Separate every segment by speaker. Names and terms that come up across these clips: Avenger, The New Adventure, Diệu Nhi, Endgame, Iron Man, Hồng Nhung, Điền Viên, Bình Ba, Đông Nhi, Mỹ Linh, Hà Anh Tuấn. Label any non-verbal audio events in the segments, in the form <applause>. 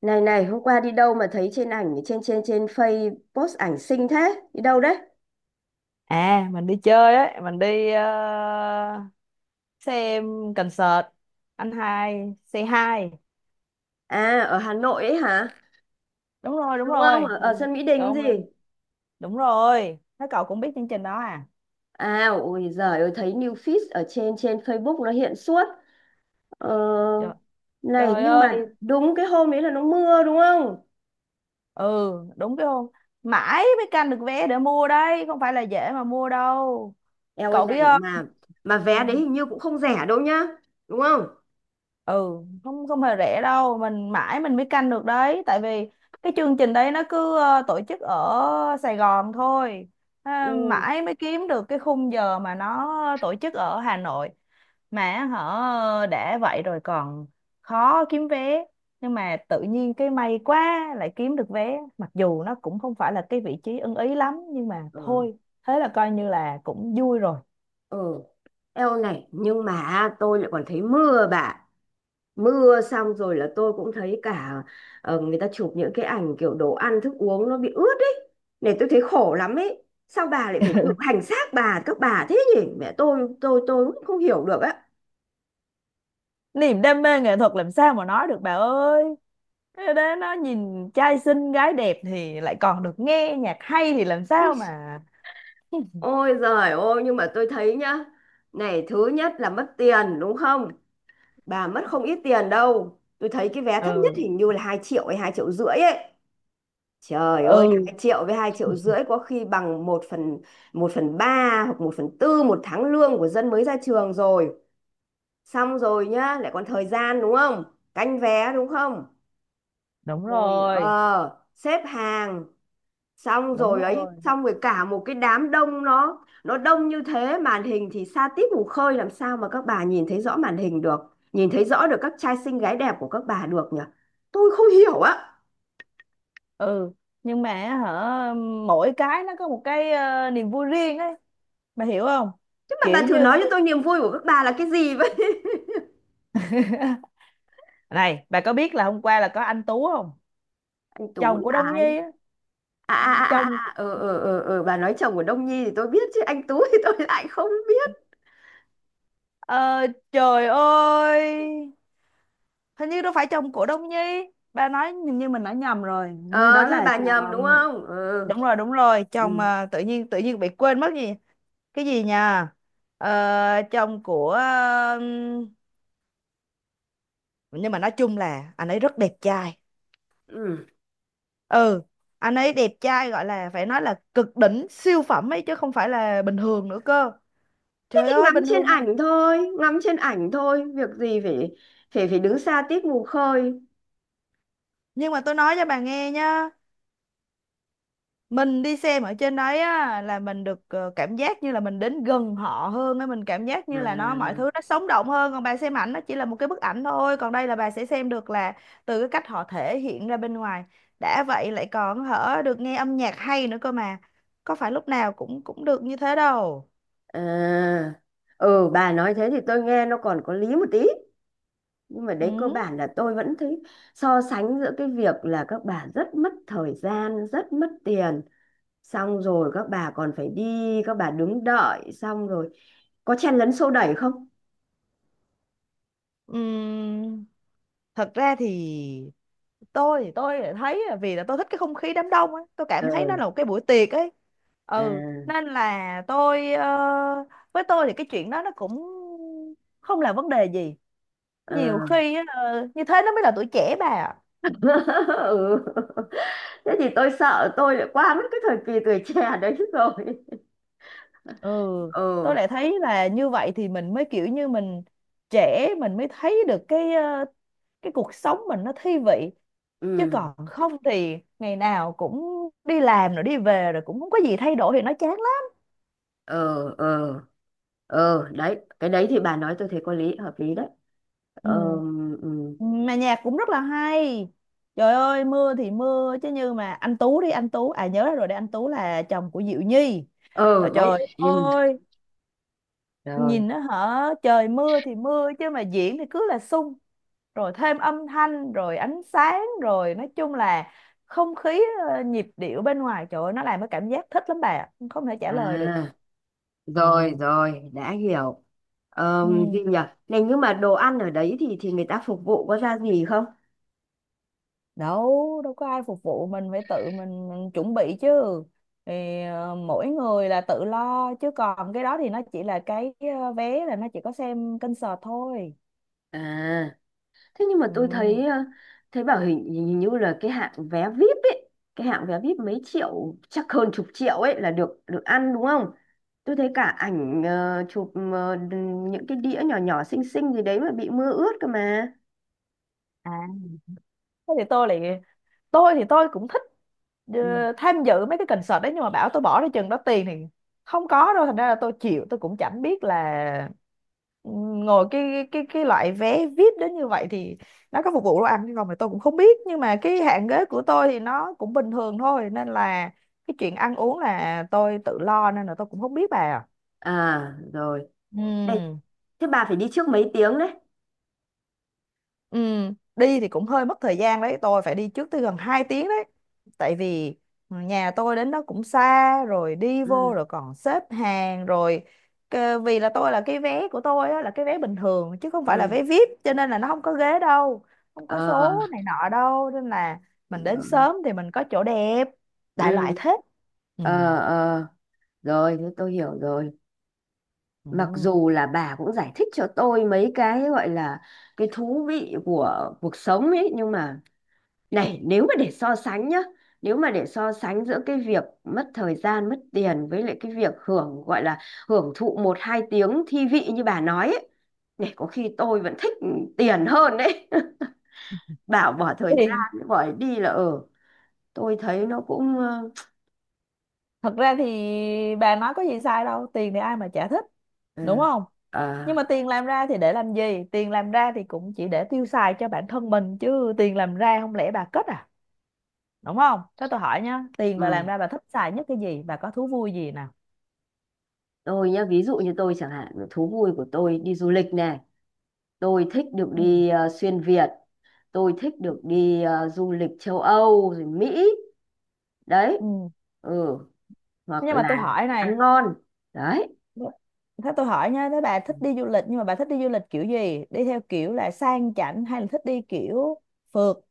Speaker 1: Này này, hôm qua đi đâu mà thấy trên ảnh trên trên trên Face post ảnh xinh thế? Đi đâu đấy?
Speaker 2: À, mình đi chơi ấy, mình đi xem concert anh hai C hai.
Speaker 1: À, ở Hà Nội ấy hả?
Speaker 2: đúng rồi đúng
Speaker 1: Đúng không?
Speaker 2: rồi
Speaker 1: Ở
Speaker 2: mình,
Speaker 1: sân Mỹ Đình gì?
Speaker 2: đúng đúng, đúng rồi. Thế cậu cũng biết chương trình đó à?
Speaker 1: À, ôi giời ơi, thấy new feed ở trên trên Facebook nó hiện suốt. Ờ,
Speaker 2: Trời,
Speaker 1: này,
Speaker 2: trời
Speaker 1: nhưng
Speaker 2: ơi.
Speaker 1: mà đúng cái hôm đấy là nó mưa đúng không?
Speaker 2: Ừ, đúng cái không, mãi mới canh được vé để mua đấy, không phải là dễ mà mua đâu
Speaker 1: Eo ơi
Speaker 2: cậu biết
Speaker 1: này
Speaker 2: không.
Speaker 1: mà
Speaker 2: Ừ.
Speaker 1: vé đấy hình như cũng không rẻ đâu nhá. Đúng không?
Speaker 2: Ừ, không, không hề rẻ đâu, mình mãi mình mới canh được đấy, tại vì cái chương trình đấy nó cứ tổ chức ở Sài Gòn thôi. À,
Speaker 1: Ừ.
Speaker 2: mãi mới kiếm được cái khung giờ mà nó tổ chức ở Hà Nội, mà họ đã vậy rồi còn khó kiếm vé, nhưng mà tự nhiên cái may quá lại kiếm được vé, mặc dù nó cũng không phải là cái vị trí ưng ý lắm, nhưng mà
Speaker 1: Ừ.
Speaker 2: thôi, thế là coi như là cũng vui rồi.
Speaker 1: Ừ. Eo này, nhưng mà tôi lại còn thấy mưa bà. Mưa xong rồi là tôi cũng thấy cả người ta chụp những cái ảnh kiểu đồ ăn thức uống nó bị ướt ấy. Này tôi thấy khổ lắm ấy, sao bà lại phải tự hành xác bà, các bà thế nhỉ? Mẹ tôi, tôi cũng không hiểu được á.
Speaker 2: Niềm đam mê nghệ thuật làm sao mà nói được bà ơi. Thế đó, nó nhìn trai xinh gái đẹp thì lại còn được nghe nhạc hay thì làm
Speaker 1: Ôi
Speaker 2: sao mà.
Speaker 1: ôi giời ôi, nhưng mà tôi thấy nhá, này thứ nhất là mất tiền đúng không? Bà mất không ít tiền đâu, tôi thấy cái vé thấp nhất
Speaker 2: Ừ,
Speaker 1: hình như là 2 triệu hay 2,5 triệu ấy. Trời ơi,
Speaker 2: ừ,
Speaker 1: 2 triệu với 2,5 triệu có khi bằng 1/3 hoặc 1/4 một tháng lương của dân mới ra trường rồi. Xong rồi nhá, lại còn thời gian đúng không? Canh vé đúng không?
Speaker 2: đúng
Speaker 1: Rồi
Speaker 2: rồi,
Speaker 1: xếp hàng xong
Speaker 2: đúng
Speaker 1: rồi ấy,
Speaker 2: rồi,
Speaker 1: xong rồi cả một cái đám đông nó đông như thế, màn hình thì xa tít mù khơi làm sao mà các bà nhìn thấy rõ màn hình được, nhìn thấy rõ được các trai xinh gái đẹp của các bà được nhỉ? Tôi không hiểu á.
Speaker 2: ừ. Nhưng mà hả, mỗi cái nó có một cái niềm vui riêng ấy, bà hiểu không?
Speaker 1: Chứ mà bà
Speaker 2: Kiểu
Speaker 1: thử
Speaker 2: như
Speaker 1: nói cho tôi niềm vui của các bà là cái gì.
Speaker 2: <laughs> này, bà có biết là hôm qua là có anh Tú không?
Speaker 1: Anh Tú
Speaker 2: Chồng
Speaker 1: là
Speaker 2: của Đông
Speaker 1: ai?
Speaker 2: Nhi á.
Speaker 1: À à à à
Speaker 2: Chồng.
Speaker 1: à, bà nói chồng của Đông Nhi thì tôi biết chứ anh Tú thì <laughs> tôi lại không biết.
Speaker 2: Ờ, trời ơi, hình như đâu phải chồng của Đông Nhi, ba nói, hình như mình nói nhầm rồi. Hình như
Speaker 1: Ờ
Speaker 2: đó
Speaker 1: thế là
Speaker 2: là
Speaker 1: bà nhầm đúng
Speaker 2: chồng.
Speaker 1: không ờ.
Speaker 2: Đúng rồi, đúng rồi, chồng
Speaker 1: Ừ.
Speaker 2: à, tự nhiên, tự nhiên bị quên mất gì. Cái gì nha. Ờ, chồng của, ừm, nhưng mà nói chung là anh ấy rất đẹp trai.
Speaker 1: Ừ.
Speaker 2: Ừ, anh ấy đẹp trai gọi là phải nói là cực đỉnh siêu phẩm ấy, chứ không phải là bình thường nữa cơ.
Speaker 1: Thế
Speaker 2: Trời
Speaker 1: thì
Speaker 2: ơi,
Speaker 1: ngắm
Speaker 2: bình
Speaker 1: trên
Speaker 2: thường này.
Speaker 1: ảnh thôi, ngắm trên ảnh thôi, việc gì phải phải phải đứng xa tít mù khơi.
Speaker 2: Nhưng mà tôi nói cho bà nghe nhá, mình đi xem ở trên đấy á là mình được cảm giác như là mình đến gần họ hơn ấy, mình cảm giác như là nó, mọi
Speaker 1: À.
Speaker 2: thứ nó sống động hơn. Còn bà xem ảnh, nó chỉ là một cái bức ảnh thôi, còn đây là bà sẽ xem được là từ cái cách họ thể hiện ra bên ngoài. Đã vậy lại còn hở, được nghe âm nhạc hay nữa cơ mà, có phải lúc nào cũng cũng được như thế đâu.
Speaker 1: À. Ừ, bà nói thế thì tôi nghe nó còn có lý một tí, nhưng mà đấy cơ
Speaker 2: Ừ.
Speaker 1: bản là tôi vẫn thấy so sánh giữa cái việc là các bà rất mất thời gian, rất mất tiền, xong rồi các bà còn phải đi, các bà đứng đợi xong rồi có chen lấn xô đẩy không?
Speaker 2: Ừm, Thật ra thì tôi, thì tôi lại thấy là, vì là tôi thích cái không khí đám đông ấy, tôi
Speaker 1: Ờ.
Speaker 2: cảm thấy nó là một cái buổi tiệc ấy.
Speaker 1: À.
Speaker 2: Ừ, nên là tôi với tôi thì cái chuyện đó nó cũng không là vấn đề gì. Nhiều
Speaker 1: À.
Speaker 2: khi á, như thế nó mới là tuổi trẻ bà ạ.
Speaker 1: <laughs> Ừ. Thế thì tôi sợ tôi lại qua mất cái thời kỳ tuổi trẻ đấy rồi.
Speaker 2: Ừ, tôi
Speaker 1: Ừ.
Speaker 2: lại thấy là như vậy thì mình mới kiểu như mình trẻ, mình mới thấy được cái cái cuộc sống mình nó thi vị. Chứ
Speaker 1: Ừ.
Speaker 2: còn không thì ngày nào cũng đi làm rồi đi về rồi, cũng không có gì thay đổi thì nó chán lắm.
Speaker 1: Ờ. Ờ. Ờ đấy, cái đấy thì bà nói tôi thấy có lý, hợp lý đấy.
Speaker 2: Ừ,
Speaker 1: Ờ. Ừ.
Speaker 2: mà nhạc cũng rất là hay. Trời ơi, mưa thì mưa chứ, như mà anh Tú đi, anh Tú, à, nhớ ra rồi đấy, anh Tú là chồng của Diệu Nhi. Ờ,
Speaker 1: Ờ đấy.
Speaker 2: trời
Speaker 1: Ừ.
Speaker 2: ơi,
Speaker 1: Rồi.
Speaker 2: nhìn nó hả, trời mưa thì mưa chứ mà diễn thì cứ là sung. Rồi thêm âm thanh rồi ánh sáng, rồi nói chung là không khí, nhịp điệu bên ngoài, trời ơi, nó làm cái cảm giác thích lắm bà ạ. Không thể trả lời được.
Speaker 1: À, rồi
Speaker 2: Ừ.
Speaker 1: rồi đã hiểu.
Speaker 2: Ừ.
Speaker 1: Gì nhỉ? Này nhưng mà đồ ăn ở đấy thì người ta phục vụ có ra gì không?
Speaker 2: Đâu, đâu có ai phục vụ, mình phải tự mình chuẩn bị chứ. Thì mỗi người là tự lo, chứ còn cái đó thì nó chỉ là cái vé là nó chỉ có xem concert thôi.
Speaker 1: À, thế nhưng mà tôi
Speaker 2: Ừ.
Speaker 1: thấy bảo hình như là cái hạng vé VIP ấy, cái hạng vé VIP mấy triệu chắc hơn chục triệu ấy là được được ăn đúng không? Tôi thấy cả ảnh chụp những cái đĩa nhỏ nhỏ xinh xinh gì đấy mà bị mưa ướt cơ mà.
Speaker 2: À, thế thì tôi lại, tôi thì tôi cũng thích
Speaker 1: Ừ.
Speaker 2: tham dự mấy cái concert đấy, nhưng mà bảo tôi bỏ ra chừng đó tiền thì không có đâu. Thành ra là tôi chịu, tôi cũng chẳng biết là, ừ, ngồi cái loại vé VIP đến như vậy thì nó có phục vụ đồ ăn hay không thì tôi cũng không biết. Nhưng mà cái hạng ghế của tôi thì nó cũng bình thường thôi, nên là cái chuyện ăn uống là tôi tự lo, nên là tôi cũng không biết bà.
Speaker 1: À rồi. Đây,
Speaker 2: Ừ.
Speaker 1: thế bà phải đi trước mấy tiếng đấy.
Speaker 2: Ừ, đi thì cũng hơi mất thời gian đấy, tôi phải đi trước tới gần 2 tiếng đấy. Tại vì nhà tôi đến đó cũng xa, rồi đi vô
Speaker 1: Ừ.
Speaker 2: rồi còn xếp hàng rồi. Cơ-, vì là tôi là cái vé của tôi á, là cái vé bình thường chứ không phải là
Speaker 1: Ừ.
Speaker 2: vé VIP, cho nên là nó không có ghế đâu, không có
Speaker 1: Ờ
Speaker 2: số này nọ đâu, nên là mình đến
Speaker 1: rồi.
Speaker 2: sớm thì mình có chỗ đẹp,
Speaker 1: Ừ.
Speaker 2: đại loại thế. Ừ.
Speaker 1: Ờ. Ờ rồi, thế tôi hiểu rồi. Mặc
Speaker 2: Ừ.
Speaker 1: dù là bà cũng giải thích cho tôi mấy cái gọi là cái thú vị của cuộc sống ấy nhưng mà này, nếu mà để so sánh nhá, nếu mà để so sánh giữa cái việc mất thời gian mất tiền với lại cái việc hưởng gọi là hưởng thụ một hai tiếng thi vị như bà nói ấy, này có khi tôi vẫn thích tiền hơn đấy. <laughs> Bảo bỏ thời
Speaker 2: Thì
Speaker 1: gian bỏ đi là tôi thấy nó cũng ờ,
Speaker 2: thật ra thì bà nói có gì sai đâu, tiền thì ai mà chả thích,
Speaker 1: ờ,
Speaker 2: đúng không?
Speaker 1: ờ,
Speaker 2: Nhưng mà tiền làm ra thì để làm gì? Tiền làm ra thì cũng chỉ để tiêu xài cho bản thân mình chứ, tiền làm ra không lẽ bà cất à? Đúng không? Thế tôi hỏi nhá, tiền bà làm
Speaker 1: ừ.
Speaker 2: ra bà thích xài nhất cái gì, bà có thú vui gì nào?
Speaker 1: Tôi nhá, ví dụ như tôi chẳng hạn, thú vui của tôi đi du lịch này, tôi thích được
Speaker 2: Ừ.
Speaker 1: đi xuyên Việt, tôi thích được đi du lịch châu Âu rồi Mỹ. Đấy.
Speaker 2: Ừ.
Speaker 1: Ừ,
Speaker 2: Thế
Speaker 1: hoặc
Speaker 2: nhưng mà
Speaker 1: là
Speaker 2: tôi hỏi
Speaker 1: ăn
Speaker 2: này,
Speaker 1: ngon. Đấy.
Speaker 2: thế tôi hỏi nhá, thế bà thích đi du lịch, nhưng mà bà thích đi du lịch kiểu gì, đi theo kiểu là sang chảnh hay là thích đi kiểu phượt?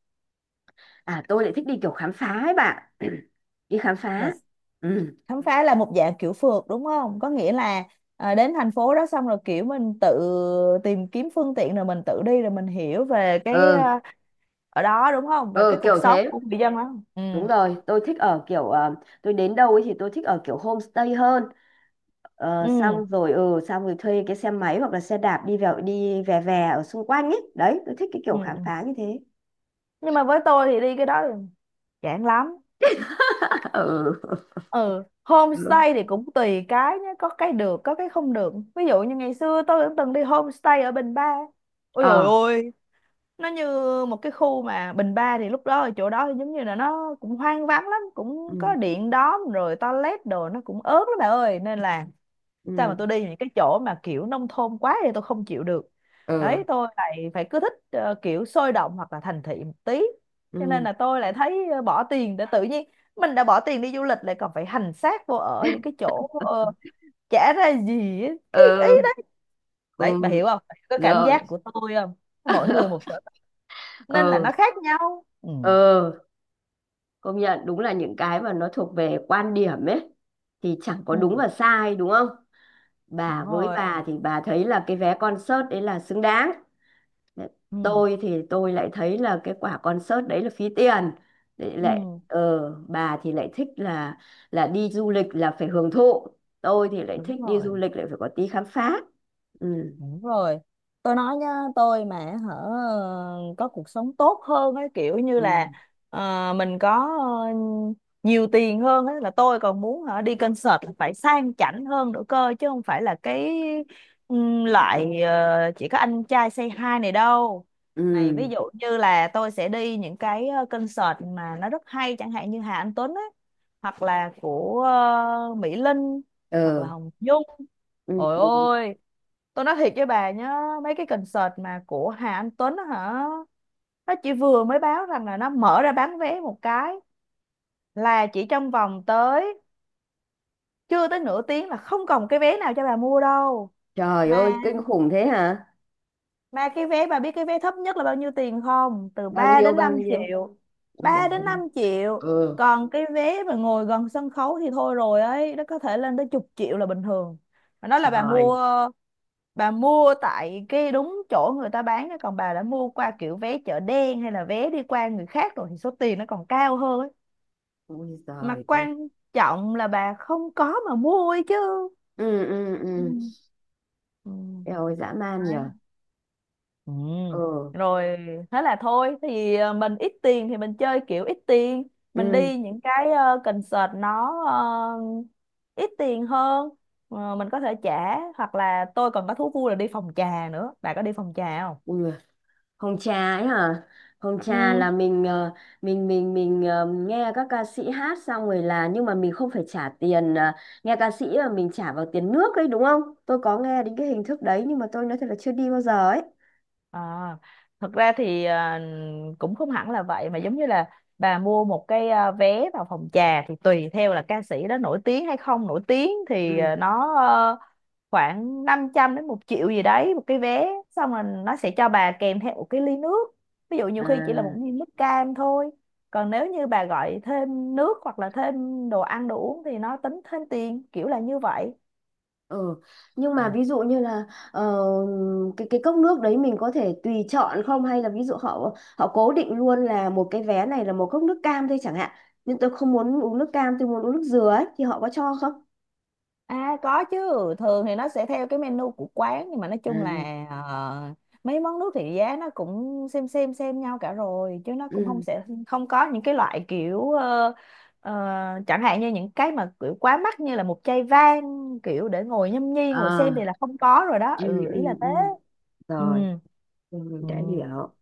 Speaker 1: À, tôi lại thích đi kiểu khám phá ấy bạn. <clears throat> Đi khám
Speaker 2: Là
Speaker 1: phá. Ừ.
Speaker 2: khám phá, là một dạng kiểu phượt đúng không, có nghĩa là à, đến thành phố đó xong rồi kiểu mình tự tìm kiếm phương tiện rồi mình tự đi, rồi mình hiểu về cái
Speaker 1: Ừ.
Speaker 2: à, ở đó đúng không, về cái
Speaker 1: Ừ
Speaker 2: cuộc
Speaker 1: kiểu
Speaker 2: sống
Speaker 1: thế.
Speaker 2: của người dân đó. Ừ,
Speaker 1: Đúng rồi, tôi thích ở kiểu, tôi đến đâu ấy thì tôi thích ở kiểu homestay hơn. Ờ,
Speaker 2: ừ,
Speaker 1: xong rồi xong rồi thuê cái xe máy hoặc là xe đạp đi vào đi về, về ở xung quanh ấy, đấy tôi thích cái kiểu
Speaker 2: ừ,
Speaker 1: khám
Speaker 2: ừ.
Speaker 1: phá như thế.
Speaker 2: Nhưng mà với tôi thì đi cái đó thì chán lắm.
Speaker 1: <laughs> Ừ.
Speaker 2: Ừ,
Speaker 1: Ừ.
Speaker 2: homestay thì cũng tùy cái nhé, có cái được có cái không được. Ví dụ như ngày xưa tôi cũng từng đi homestay ở Bình Ba, ôi
Speaker 1: Ờ.
Speaker 2: dồi ôi, nó như một cái khu mà Bình Ba thì lúc đó ở chỗ đó giống như là nó cũng hoang vắng lắm, cũng có
Speaker 1: Ừ.
Speaker 2: điện đóm, rồi toilet đồ nó cũng ớt lắm bà ơi, nên là sao mà, tôi
Speaker 1: Ừ.
Speaker 2: đi những cái chỗ mà kiểu nông thôn quá thì tôi không chịu được.
Speaker 1: Ừ.
Speaker 2: Đấy, tôi lại phải cứ thích kiểu sôi động hoặc là thành thị một tí. Cho nên
Speaker 1: Ừ.
Speaker 2: là tôi lại thấy bỏ tiền để, tự nhiên mình đã bỏ tiền đi du lịch lại còn phải hành xác vô ở những cái chỗ chả ra gì ấy, cái ý
Speaker 1: Ừ. Ừ,
Speaker 2: đấy bà hiểu không? Bà hiểu cái cảm
Speaker 1: rồi.
Speaker 2: giác của tôi không? Mỗi người một
Speaker 1: <laughs>
Speaker 2: sở thích nên là
Speaker 1: Ừ.
Speaker 2: nó khác nhau. Ừ,
Speaker 1: Ừ. Công nhận đúng là những cái mà nó thuộc về quan điểm ấy thì chẳng có
Speaker 2: ừ,
Speaker 1: đúng và sai đúng không?
Speaker 2: đúng
Speaker 1: Bà, với
Speaker 2: rồi,
Speaker 1: bà thì bà thấy là cái vé concert đấy là xứng đáng,
Speaker 2: ừ,
Speaker 1: tôi thì tôi lại thấy là cái quả concert đấy là phí tiền. Lại lại
Speaker 2: ừ,
Speaker 1: ờ Bà thì lại thích là đi du lịch là phải hưởng thụ, tôi thì lại
Speaker 2: đúng
Speaker 1: thích đi du
Speaker 2: rồi.
Speaker 1: lịch lại phải có tí khám phá. Ừ.
Speaker 2: Đúng rồi. Tôi nói nhá, tôi mà hở có cuộc sống tốt hơn ấy, kiểu như
Speaker 1: Ừ.
Speaker 2: là mình có nhiều tiền hơn ấy, là tôi còn muốn hả, đi concert là phải sang chảnh hơn nữa cơ, chứ không phải là cái loại chỉ có anh trai say hi này đâu. Này ví
Speaker 1: Ừ.
Speaker 2: dụ như là tôi sẽ đi những cái concert mà nó rất hay, chẳng hạn như Hà Anh Tuấn ấy, hoặc là của Mỹ Linh, hoặc là
Speaker 1: Ờ.
Speaker 2: Hồng Nhung.
Speaker 1: Ừ.
Speaker 2: Ôi
Speaker 1: Ừ.
Speaker 2: ôi, tôi nói thiệt với bà nhá, mấy cái concert mà của Hà Anh Tuấn á hả, nó chỉ vừa mới báo rằng là nó mở ra bán vé một cái là chỉ trong vòng tới, chưa tới nửa tiếng là không còn cái vé nào cho bà mua đâu.
Speaker 1: Trời
Speaker 2: Mà
Speaker 1: ơi, kinh khủng thế hả?
Speaker 2: Mà cái vé bà biết cái vé thấp nhất là bao nhiêu tiền không? Từ
Speaker 1: Bao
Speaker 2: 3
Speaker 1: nhiêu
Speaker 2: đến
Speaker 1: bao
Speaker 2: 5
Speaker 1: nhiêu?
Speaker 2: triệu.
Speaker 1: Ôi giời
Speaker 2: ba đến năm
Speaker 1: ơi.
Speaker 2: triệu.
Speaker 1: Ừ.
Speaker 2: Còn cái vé mà ngồi gần sân khấu thì thôi rồi ấy, nó có thể lên tới chục triệu là bình thường. Mà nói là bà
Speaker 1: Trời.
Speaker 2: mua, bà mua tại cái đúng chỗ người ta bán á, còn bà đã mua qua kiểu vé chợ đen hay là vé đi qua người khác rồi thì số tiền nó còn cao hơn ấy.
Speaker 1: Ôi
Speaker 2: Mà
Speaker 1: giời ơi.
Speaker 2: quan trọng là bà không có mà mua ấy chứ.
Speaker 1: Ừ. Ừ. Ừ.
Speaker 2: Ừ. Ừ
Speaker 1: Eo ơi, dã man nhở.
Speaker 2: ừ
Speaker 1: Ừ.
Speaker 2: rồi Thế là thôi. Tại vì mình ít tiền thì mình chơi kiểu ít tiền, mình
Speaker 1: Ừ.
Speaker 2: đi những cái concert nó ờ, ít tiền hơn. Ờ, mình có thể trả, hoặc là tôi còn có thú vui là đi phòng trà nữa, bà có đi phòng trà không?
Speaker 1: Ui, Hồng trà ấy hả? Hồng trà
Speaker 2: Ừ.
Speaker 1: là mình, mình nghe các ca sĩ hát xong rồi là nhưng mà mình không phải trả tiền, nghe ca sĩ mà mình trả vào tiền nước ấy đúng không? Tôi có nghe đến cái hình thức đấy nhưng mà tôi nói thật là chưa đi bao giờ ấy.
Speaker 2: À, thật ra thì cũng không hẳn là vậy, mà giống như là bà mua một cái vé vào phòng trà thì tùy theo là ca sĩ đó nổi tiếng hay không nổi tiếng thì
Speaker 1: Ừ.
Speaker 2: nó khoảng 500 đến một triệu gì đấy một cái vé, xong rồi nó sẽ cho bà kèm theo một cái ly nước, ví dụ nhiều khi chỉ là một
Speaker 1: À.
Speaker 2: ly nước cam thôi. Còn nếu như bà gọi thêm nước hoặc là thêm đồ ăn đồ uống thì nó tính thêm tiền kiểu là như vậy.
Speaker 1: Ừ. Nhưng mà ví dụ như là ờ, cái cốc nước đấy mình có thể tùy chọn không hay là ví dụ họ họ cố định luôn là một cái vé này là một cốc nước cam thôi chẳng hạn. Nhưng tôi không muốn uống nước cam, tôi muốn uống nước dừa ấy thì họ có cho không?
Speaker 2: À có chứ, thường thì nó sẽ theo cái menu của quán, nhưng mà nói
Speaker 1: À.
Speaker 2: chung là mấy món nước thì giá nó cũng xem nhau cả rồi, chứ nó cũng không
Speaker 1: Ừ.
Speaker 2: sẽ không có những cái loại kiểu ờ, chẳng hạn như những cái mà kiểu quá mắc như là một chai vang kiểu để ngồi nhâm nhi
Speaker 1: Ờ.
Speaker 2: ngồi xem thì là không có rồi đó.
Speaker 1: Ừ.
Speaker 2: Ừ, ý là
Speaker 1: Ừ.
Speaker 2: thế.
Speaker 1: Ừ.
Speaker 2: Ừ.
Speaker 1: Rồi, mình đã
Speaker 2: Ừ.
Speaker 1: hiểu.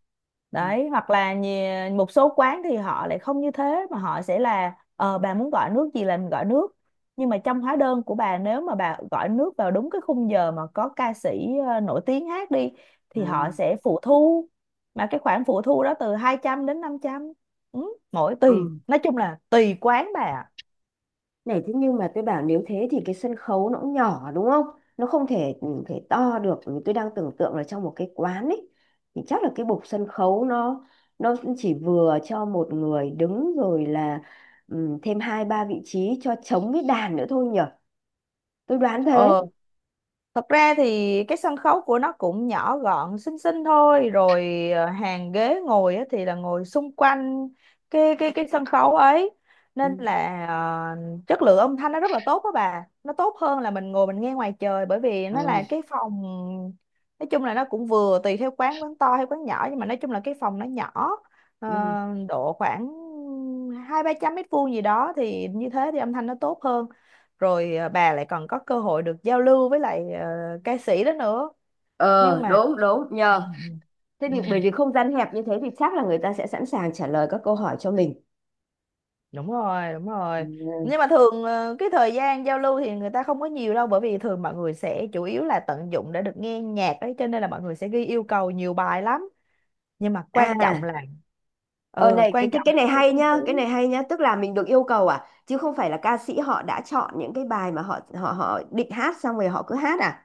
Speaker 1: Ừ.
Speaker 2: Đấy, hoặc là một số quán thì họ lại không như thế, mà họ sẽ là ờ bà muốn gọi nước gì là mình gọi nước, nhưng mà trong hóa đơn của bà, nếu mà bà gọi nước vào đúng cái khung giờ mà có ca sĩ nổi tiếng hát đi thì họ
Speaker 1: Ừ.
Speaker 2: sẽ phụ thu, mà cái khoản phụ thu đó từ 200 đến 500, ừ, mỗi tùy
Speaker 1: Ừ.
Speaker 2: nói chung là tùy quán bà ạ.
Speaker 1: Này thế nhưng mà tôi bảo nếu thế thì cái sân khấu nó cũng nhỏ đúng không? Nó không thể thể to được, tôi đang tưởng tượng là trong một cái quán ấy thì chắc là cái bục sân khấu nó chỉ vừa cho một người đứng rồi là ừ, thêm hai ba vị trí cho trống với đàn nữa thôi nhở. Tôi đoán thế.
Speaker 2: Ờ. Thật ra thì cái sân khấu của nó cũng nhỏ gọn xinh xinh thôi, rồi hàng ghế ngồi á thì là ngồi xung quanh cái sân khấu ấy, nên
Speaker 1: Ừ.
Speaker 2: là chất lượng âm thanh nó rất là tốt đó bà, nó tốt hơn là mình ngồi mình nghe ngoài trời, bởi vì
Speaker 1: Ờ.
Speaker 2: nó là cái phòng, nói chung là nó cũng vừa tùy theo quán, quán to hay quán nhỏ, nhưng mà nói chung là cái phòng nó nhỏ, ờ,
Speaker 1: Ừ.
Speaker 2: độ khoảng hai ba trăm mét vuông gì đó, thì như thế thì âm thanh nó tốt hơn. Rồi à, bà lại còn có cơ hội được giao lưu với lại ca sĩ đó nữa. Nhưng
Speaker 1: Ờ,
Speaker 2: mà
Speaker 1: đúng đúng
Speaker 2: ừ,
Speaker 1: nhờ. Thế
Speaker 2: ừ, ừ,
Speaker 1: thì bởi vì không gian hẹp như thế thì chắc là người ta sẽ sẵn sàng trả lời các câu hỏi cho mình.
Speaker 2: đúng rồi đúng
Speaker 1: Ừ.
Speaker 2: rồi. Nhưng mà thường ờ, cái thời gian giao lưu thì người ta không có nhiều đâu, bởi vì thường mọi người sẽ chủ yếu là tận dụng để được nghe nhạc ấy, cho nên là mọi người sẽ ghi yêu cầu nhiều bài lắm. Nhưng mà quan trọng
Speaker 1: À.
Speaker 2: là
Speaker 1: Ờ
Speaker 2: ừ
Speaker 1: này, cái
Speaker 2: quan
Speaker 1: cái
Speaker 2: trọng là
Speaker 1: cái này
Speaker 2: cái
Speaker 1: hay
Speaker 2: không khí.
Speaker 1: nhá, cái này hay nhá, tức là mình được yêu cầu à, chứ không phải là ca sĩ họ đã chọn những cái bài mà họ họ họ định hát xong rồi họ cứ hát à?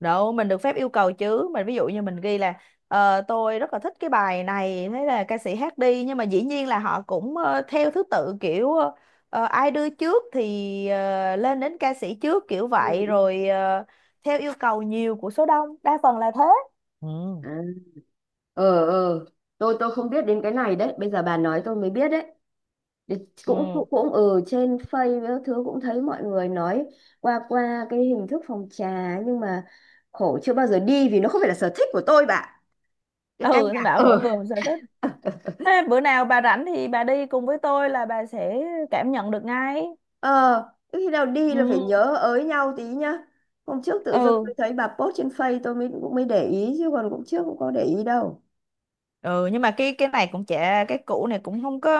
Speaker 2: Đâu, mình được phép yêu cầu chứ. Mình ví dụ như mình ghi là tôi rất là thích cái bài này, thế là ca sĩ hát đi, nhưng mà dĩ nhiên là họ cũng theo thứ tự kiểu ai đưa trước thì lên đến ca sĩ trước kiểu
Speaker 1: Ừ.
Speaker 2: vậy,
Speaker 1: Ừ.
Speaker 2: rồi theo yêu cầu nhiều của số đông, đa phần là thế. Ừ.
Speaker 1: À. Ờ ờ, tôi không biết đến cái này đấy, bây giờ bà nói tôi mới biết đấy. Thì
Speaker 2: Ừ.
Speaker 1: cũng cũng cũng ừ trên Face với các thứ cũng thấy mọi người nói qua qua cái hình thức phòng trà nhưng mà khổ chưa bao giờ đi vì nó không phải là sở thích của tôi bà. Cái ca
Speaker 2: Ừ, thế
Speaker 1: nhạc
Speaker 2: bảo mỗi
Speaker 1: ờ.
Speaker 2: người một sở thích. Ê, bữa nào bà rảnh thì bà đi cùng với tôi là bà sẽ cảm nhận được ngay.
Speaker 1: Ờ, cái khi nào đi là phải
Speaker 2: Ừ.
Speaker 1: nhớ ới nhau tí nhá. Hôm trước tự dưng
Speaker 2: Ừ.
Speaker 1: tôi thấy bà post trên Face tôi mới cũng mới để ý chứ còn cũng trước cũng có để ý đâu.
Speaker 2: Ừ, nhưng mà cái này cũng chả, cái cũ này cũng không có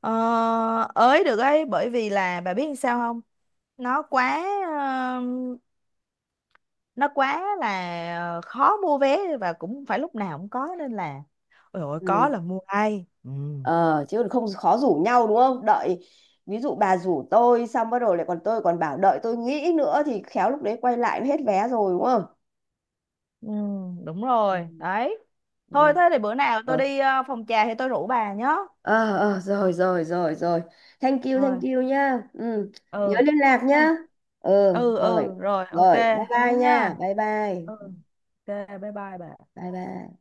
Speaker 2: ờ, ới được ấy, bởi vì là bà biết làm sao không, nó quá nó quá là khó mua vé, và cũng phải lúc nào cũng có, nên là ôi dồi ôi,
Speaker 1: Ừ.
Speaker 2: có là mua ai, ừ.
Speaker 1: Ờ, chứ còn không khó rủ nhau đúng không? Đợi ví dụ bà rủ tôi xong bắt đầu lại còn tôi còn bảo đợi tôi nghĩ nữa thì khéo lúc đấy quay lại hết vé rồi đúng không?
Speaker 2: Ừ, đúng
Speaker 1: Ừ.
Speaker 2: rồi đấy. Thôi
Speaker 1: Rồi.
Speaker 2: thế thì bữa nào tôi
Speaker 1: Ờ.
Speaker 2: đi phòng trà thì tôi rủ bà nhé.
Speaker 1: Ờ ờ, rồi rồi rồi rồi. Thank you, thank
Speaker 2: Rồi.
Speaker 1: you nhá. Ừ. Nhớ
Speaker 2: Ừ,
Speaker 1: liên lạc nhá. Ừ
Speaker 2: ừ
Speaker 1: rồi.
Speaker 2: ừ rồi, ok.
Speaker 1: Rồi bye bye
Speaker 2: Thế nhá.
Speaker 1: nha, bye bye.
Speaker 2: Ừ. Ok. Bye bye bà.
Speaker 1: Bye bye.